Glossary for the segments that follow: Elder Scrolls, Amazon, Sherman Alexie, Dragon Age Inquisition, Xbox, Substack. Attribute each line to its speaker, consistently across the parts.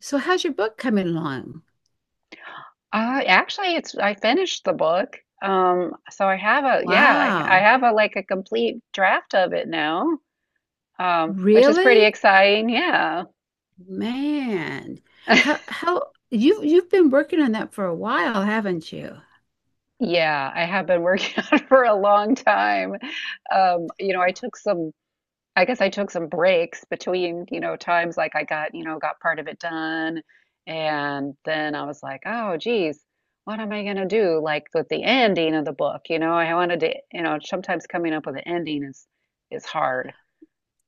Speaker 1: So how's your book coming along?
Speaker 2: Actually, it's I finished the book. So I
Speaker 1: Wow.
Speaker 2: have a complete draft of it now, which is pretty
Speaker 1: Really?
Speaker 2: exciting. Yeah.
Speaker 1: Man. How how you've been working on that for a while, haven't you?
Speaker 2: Yeah, I have been working on it for a long time. You know, I took some I guess I took some breaks between, you know, times like I got part of it done. And then I was like, oh, geez, what am I going to do? Like with the ending of the book, you know, I wanted to, you know, sometimes coming up with an ending is hard.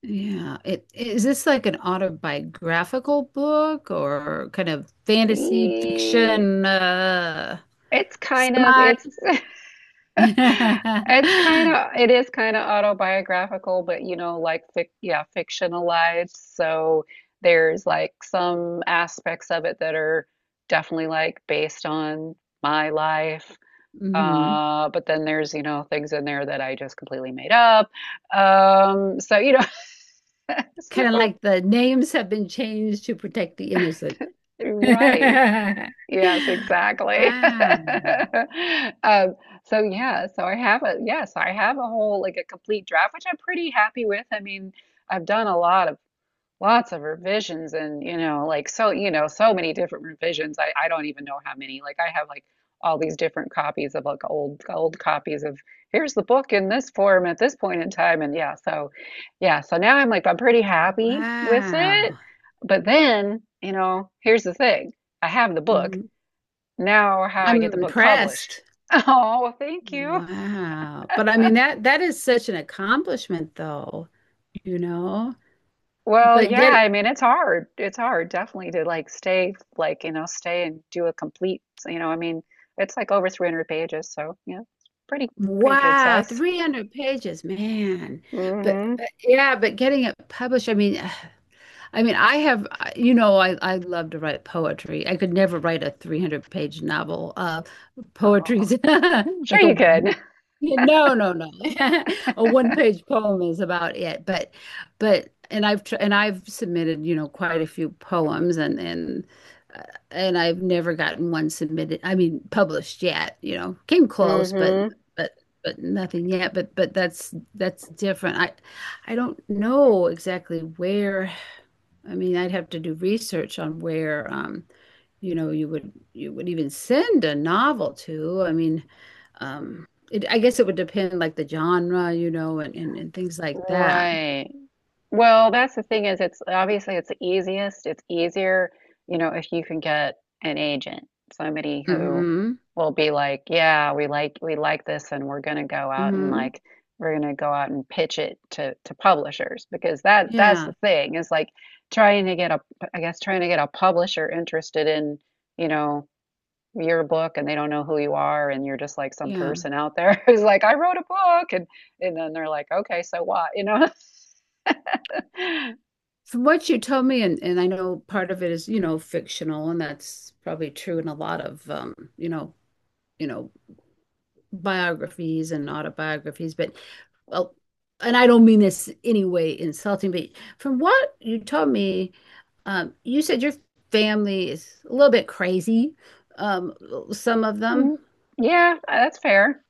Speaker 1: Yeah. It is this like an autobiographical book or kind of fantasy
Speaker 2: E-
Speaker 1: fiction
Speaker 2: It's kind of,
Speaker 1: semi?
Speaker 2: it's It's kind of it is kind of autobiographical, but you know, like fic yeah, fictionalized. So there's like some aspects of it that are definitely like based on my life.
Speaker 1: Hmm.
Speaker 2: But then there's, you know, things in there that I just completely made up. Um, so you know,
Speaker 1: Kind of
Speaker 2: so
Speaker 1: like the names have been changed to protect the innocent.
Speaker 2: right. Yes, exactly.
Speaker 1: Wow.
Speaker 2: Um, so yeah, I have a whole like a complete draft, which I'm pretty happy with. I mean, I've done a lot of lots of revisions and you know, like so, you know, so many different revisions. I don't even know how many. Like I have like all these different copies of like old copies of here's the book in this form at this point in time. And yeah, so now I'm pretty happy with it.
Speaker 1: Wow.
Speaker 2: But then, you know, here's the thing. I have the book.
Speaker 1: Mhm.
Speaker 2: Now, how do I
Speaker 1: I'm
Speaker 2: get the book published?
Speaker 1: impressed.
Speaker 2: Oh, well, thank you.
Speaker 1: Wow. But I mean that is such an accomplishment though, you know.
Speaker 2: Well,
Speaker 1: But
Speaker 2: yeah,
Speaker 1: get
Speaker 2: I mean, it's hard. It's hard, definitely, to like stay, like, you know, stay and do a complete, you know, I mean, it's like over 300 pages, so yeah, it's pretty, pretty good
Speaker 1: wow,
Speaker 2: size.
Speaker 1: 300 pages, man.
Speaker 2: Mm-hmm.
Speaker 1: But yeah, but getting it published, I mean, I mean, I have, you know, I love to write poetry. I could never write a 300-page novel.
Speaker 2: Oh,
Speaker 1: Poetry's
Speaker 2: sure
Speaker 1: like
Speaker 2: you
Speaker 1: a
Speaker 2: could.
Speaker 1: yeah, no, no, no. A one-page poem is about it, but and I've submitted, you know, quite a few poems uh, and I've never gotten one submitted. I mean, published yet, you know. Came close,
Speaker 2: Mm-hmm.
Speaker 1: but but nothing yet. But that's different. I don't know exactly where. I mean, I'd have to do research on where you know you would even send a novel to. I mean, it, I guess it would depend like the genre, you know, and things like that.
Speaker 2: Right. Well, that's the thing is it's obviously it's the easiest. It's easier, you know, if you can get an agent, somebody who
Speaker 1: Hmm.
Speaker 2: will be like, yeah, we like this and we're gonna go out and
Speaker 1: Hmm.
Speaker 2: like we're gonna go out and pitch it to publishers because that's
Speaker 1: Yeah.
Speaker 2: the thing is like trying to get a I guess trying to get a publisher interested in, you know, your book and they don't know who you are and you're just like some
Speaker 1: Yeah.
Speaker 2: person out there who's like, I wrote a book and then they're like, okay, so what? You know?
Speaker 1: From what you told me, and I know part of it is, you know, fictional, and that's probably true in a lot of, you know, biographies and autobiographies, but well, and I don't mean this any way insulting, but from what you told me, you said your family is a little bit crazy, um, some of them.
Speaker 2: Mhm. Yeah, that's fair.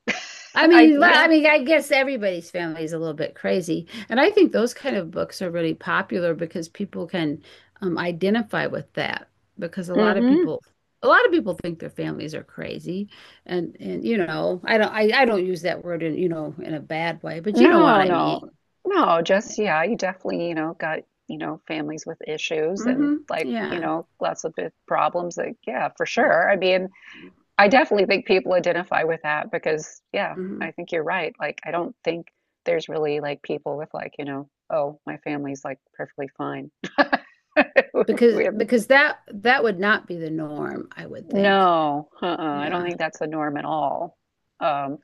Speaker 1: I
Speaker 2: I
Speaker 1: mean, well,
Speaker 2: yeah.
Speaker 1: I mean, I guess everybody's family is a little bit crazy. And I think those kind of books are really popular because people can identify with that because a lot of
Speaker 2: Hmm.
Speaker 1: people a lot of people think their families are crazy. And you know, I don't use that word in, you know, in a bad way, but you know what
Speaker 2: No,
Speaker 1: I
Speaker 2: no.
Speaker 1: mean.
Speaker 2: No, just yeah, you definitely, you know, got, you know, families with issues and
Speaker 1: Hmm.
Speaker 2: like, you
Speaker 1: Yeah.
Speaker 2: know, lots of big problems like yeah, for
Speaker 1: Yeah.
Speaker 2: sure. I mean, I definitely think people identify with that because yeah,
Speaker 1: Hmm.
Speaker 2: I think you're right. Like I don't think there's really like people with like, you know, oh, my family's like perfectly fine. We have
Speaker 1: Because that would not be the norm, I would think.
Speaker 2: no, uh-uh, I don't
Speaker 1: Yeah.
Speaker 2: think that's the norm at all. Um,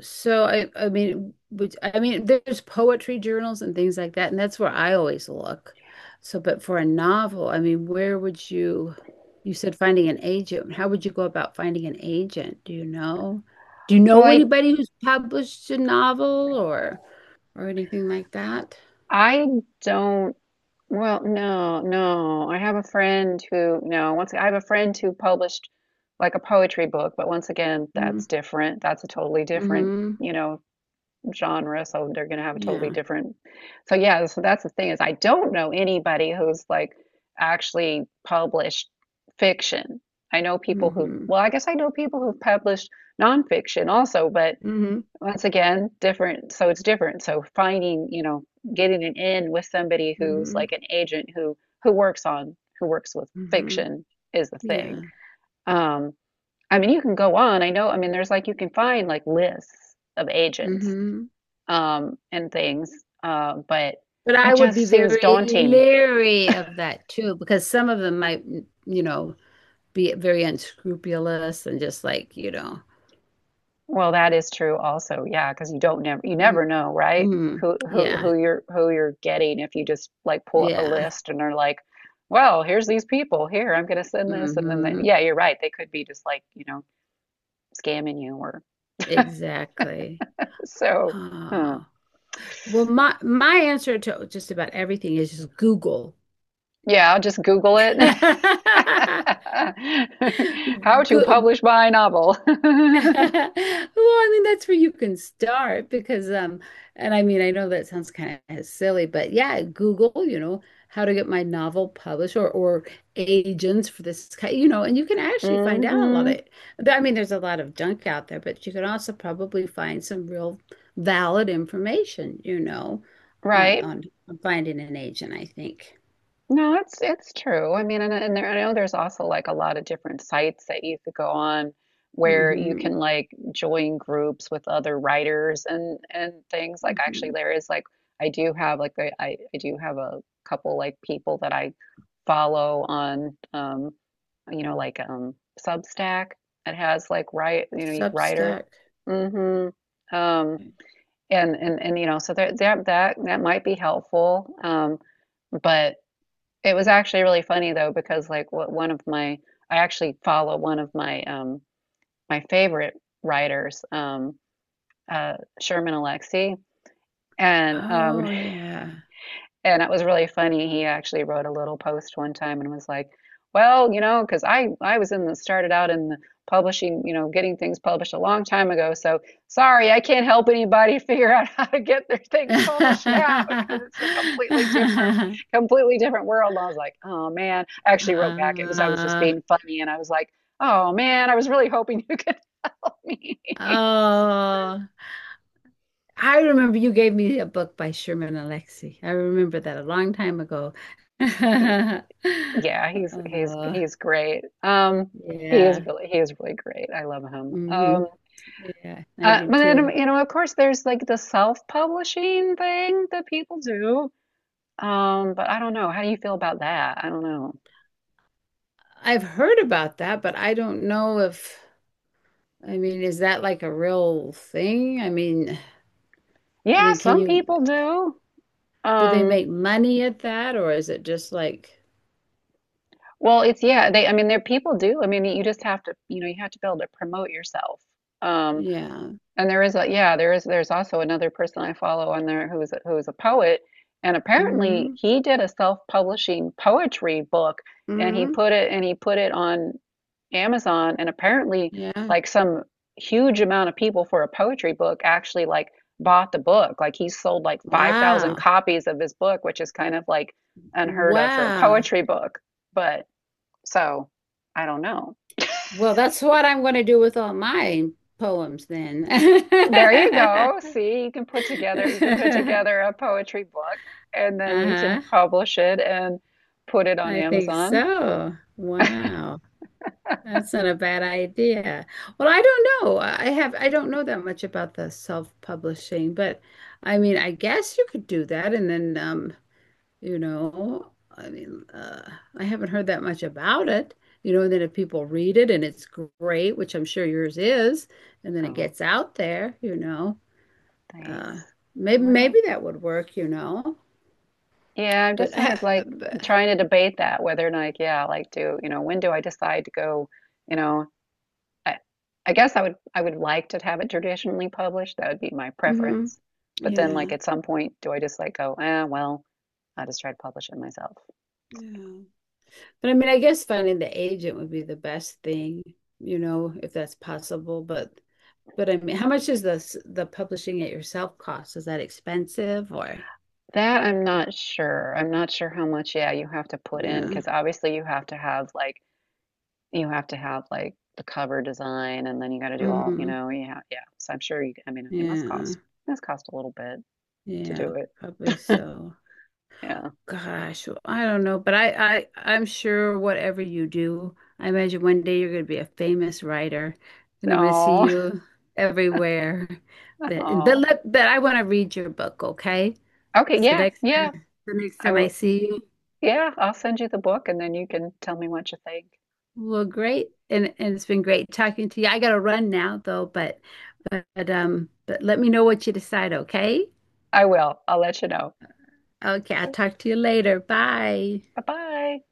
Speaker 1: So I mean which I mean there's poetry journals and things like that and that's where I always look. So but for a novel, I mean where would you you said finding an agent. How would you go about finding an agent? Do you know? Do you
Speaker 2: well,
Speaker 1: know
Speaker 2: I,
Speaker 1: anybody who's published a novel or anything like that?
Speaker 2: I don't, well, no, no. I have a friend who, no, once I have a friend who published like a poetry book, but once again, that's
Speaker 1: Mm-hmm.
Speaker 2: different. That's a totally different,
Speaker 1: Mm-hmm.
Speaker 2: you know, genre. So they're going to have a totally
Speaker 1: Yeah.
Speaker 2: different. So yeah, so that's the thing is I don't know anybody who's like actually published fiction. I know people who,
Speaker 1: Mm-hmm.
Speaker 2: well, I guess I know people who've published nonfiction also, but
Speaker 1: Mm-hmm.
Speaker 2: once again, different. So it's different. So finding, you know, getting an in with somebody who's
Speaker 1: Mm-hmm.
Speaker 2: like an agent who works with
Speaker 1: Mm-hmm.
Speaker 2: fiction is the thing.
Speaker 1: Yeah.
Speaker 2: Um, I mean, you can go on. I know. I mean, there's like you can find like lists of agents
Speaker 1: Mm-hmm.
Speaker 2: and things, but
Speaker 1: But I
Speaker 2: it
Speaker 1: would be
Speaker 2: just seems
Speaker 1: very
Speaker 2: daunting.
Speaker 1: leery of that too, because some of them might, you know, be very unscrupulous and just like, you know,
Speaker 2: Well, that is true also. Yeah, because you
Speaker 1: mm,
Speaker 2: never know, right?
Speaker 1: mm,
Speaker 2: Who who
Speaker 1: yeah,
Speaker 2: who you're who you're getting if you just like pull up a
Speaker 1: yeah,
Speaker 2: list and are like, well, here's these people. Here, I'm gonna send this, and then they,
Speaker 1: hmm,
Speaker 2: yeah, you're right. They could be just like, you know, scamming you or
Speaker 1: exactly.
Speaker 2: so. Huh.
Speaker 1: Oh. Well, my answer to just about everything is just Google.
Speaker 2: Yeah, I'll just Google it. How to
Speaker 1: Go
Speaker 2: publish my novel.
Speaker 1: Well, I mean, that's where you can start because, and I mean, I know that sounds kind of silly, but yeah, Google, you know, how to get my novel published or agents for this, you know, and you can actually find out a lot of
Speaker 2: Hmm.
Speaker 1: it. But I mean, there's a lot of junk out there, but you can also probably find some real valid information, you know,
Speaker 2: Right.
Speaker 1: on finding an agent, I think.
Speaker 2: No, it's true. I mean, and there, I know there's also like a lot of different sites that you could go on where you
Speaker 1: Mm-hmm.
Speaker 2: can like join groups with other writers and things. Like actually,
Speaker 1: Mm-hmm.
Speaker 2: there is like I I do have a couple like people that I follow on you know like Substack. It has like write you know you writer.
Speaker 1: Substack.
Speaker 2: Hmm. Um and you know so that might be helpful. But it was actually really funny though because like what one of my I actually follow one of my my favorite writers, Sherman Alexie, and um
Speaker 1: Oh, yeah.
Speaker 2: and that was really funny. He actually wrote a little post one time and was like, "Well, you know, because I was in the started out in the publishing, you know, getting things published a long time ago. So sorry, I can't help anybody figure out how to get their things published now because it's a completely different world." And I was like, "Oh man," I actually wrote back. It was I was just
Speaker 1: Uh,
Speaker 2: being funny, and I was like, "Oh man, I was really hoping you could help me."
Speaker 1: oh, I remember you gave me a book by Sherman Alexie. I remember that a long time ago.
Speaker 2: Yeah, he's he's
Speaker 1: Oh,
Speaker 2: he's great. He is
Speaker 1: yeah.
Speaker 2: really he is really great. I love him.
Speaker 1: Hmm.
Speaker 2: Um,
Speaker 1: Yeah, I
Speaker 2: uh,
Speaker 1: do
Speaker 2: but then
Speaker 1: too.
Speaker 2: you know, of course, there's like the self-publishing thing that people do. But I don't know. How do you feel about that? I don't know.
Speaker 1: I've heard about that, but I don't know if, I mean, is that like a real thing? I
Speaker 2: Yeah,
Speaker 1: mean, can
Speaker 2: some
Speaker 1: you,
Speaker 2: people do.
Speaker 1: do they
Speaker 2: Um,
Speaker 1: make money at that or is it just like,
Speaker 2: well, it's yeah. They I mean, there people do. I mean, you just have to you know you have to be able to promote yourself. Um.
Speaker 1: yeah.
Speaker 2: And there is a yeah, there is there's also another person I follow on there who's a, who's a poet, and apparently
Speaker 1: Hmm?
Speaker 2: he did a self-publishing poetry book, and he
Speaker 1: Hmm.
Speaker 2: put it and he put it on Amazon, and apparently
Speaker 1: Yeah.
Speaker 2: like some huge amount of people for a poetry book actually like bought the book. Like he sold like 5,000
Speaker 1: Wow.
Speaker 2: copies of his book, which is kind of like unheard of for a
Speaker 1: Wow.
Speaker 2: poetry book. But so I don't know.
Speaker 1: Well, that's what I'm going to do with all my poems then.
Speaker 2: There you go. See, you can put together a poetry book and then you can
Speaker 1: Uh-huh.
Speaker 2: publish it and put it on
Speaker 1: I think
Speaker 2: Amazon.
Speaker 1: so. Wow. That's not a bad idea. Well, I don't know. I don't know that much about the self-publishing, but I mean, I guess you could do that and then you know. I mean, I haven't heard that much about it, you know. And then if people read it and it's great, which I'm sure yours is, and then it
Speaker 2: Oh,
Speaker 1: gets out there, you know,
Speaker 2: thanks.
Speaker 1: uh, maybe
Speaker 2: Well,
Speaker 1: maybe that would work, you know.
Speaker 2: yeah, I'm
Speaker 1: But,
Speaker 2: just sort
Speaker 1: I-
Speaker 2: of like
Speaker 1: but
Speaker 2: trying to debate that whether or not, yeah, like do, you know, when do I decide to go, you know, I I would like to have it traditionally published. That would be my
Speaker 1: mhm,
Speaker 2: preference. But then like
Speaker 1: yeah,
Speaker 2: at some point, do I just like go, eh, well, I'll just try to publish it myself.
Speaker 1: yeah. But I mean, I guess finding the agent would be the best thing, you know, if that's possible. But I mean, how much is the the publishing it yourself cost? Is that expensive or?
Speaker 2: That I'm not sure. I'm not sure how much, yeah, you have to put in
Speaker 1: Yeah.
Speaker 2: because obviously you have to have like you have to have like the cover design and then you got to do all, you
Speaker 1: Mm-hmm.
Speaker 2: know, yeah, yeah. So I'm sure you, I mean,
Speaker 1: Yeah.
Speaker 2: it must cost a little bit to
Speaker 1: Yeah,
Speaker 2: do it.
Speaker 1: probably so.
Speaker 2: Yeah.
Speaker 1: Gosh, well, I don't know, but I'm sure whatever you do, I imagine one day you're going to be a famous writer, and I'm going to see
Speaker 2: Oh,
Speaker 1: you everywhere.
Speaker 2: oh.
Speaker 1: But I want to read your book, okay?
Speaker 2: Okay,
Speaker 1: So
Speaker 2: yeah,
Speaker 1: next time,
Speaker 2: yeah.
Speaker 1: the next
Speaker 2: I
Speaker 1: time I
Speaker 2: will,
Speaker 1: see you,
Speaker 2: yeah, I'll send you the book and then you can tell me what you think.
Speaker 1: well, great, and it's been great talking to you. I got to run now though, but, but let me know what you decide, okay?
Speaker 2: I will. I'll let you know.
Speaker 1: Okay, I'll talk to you later. Bye.
Speaker 2: Bye-bye.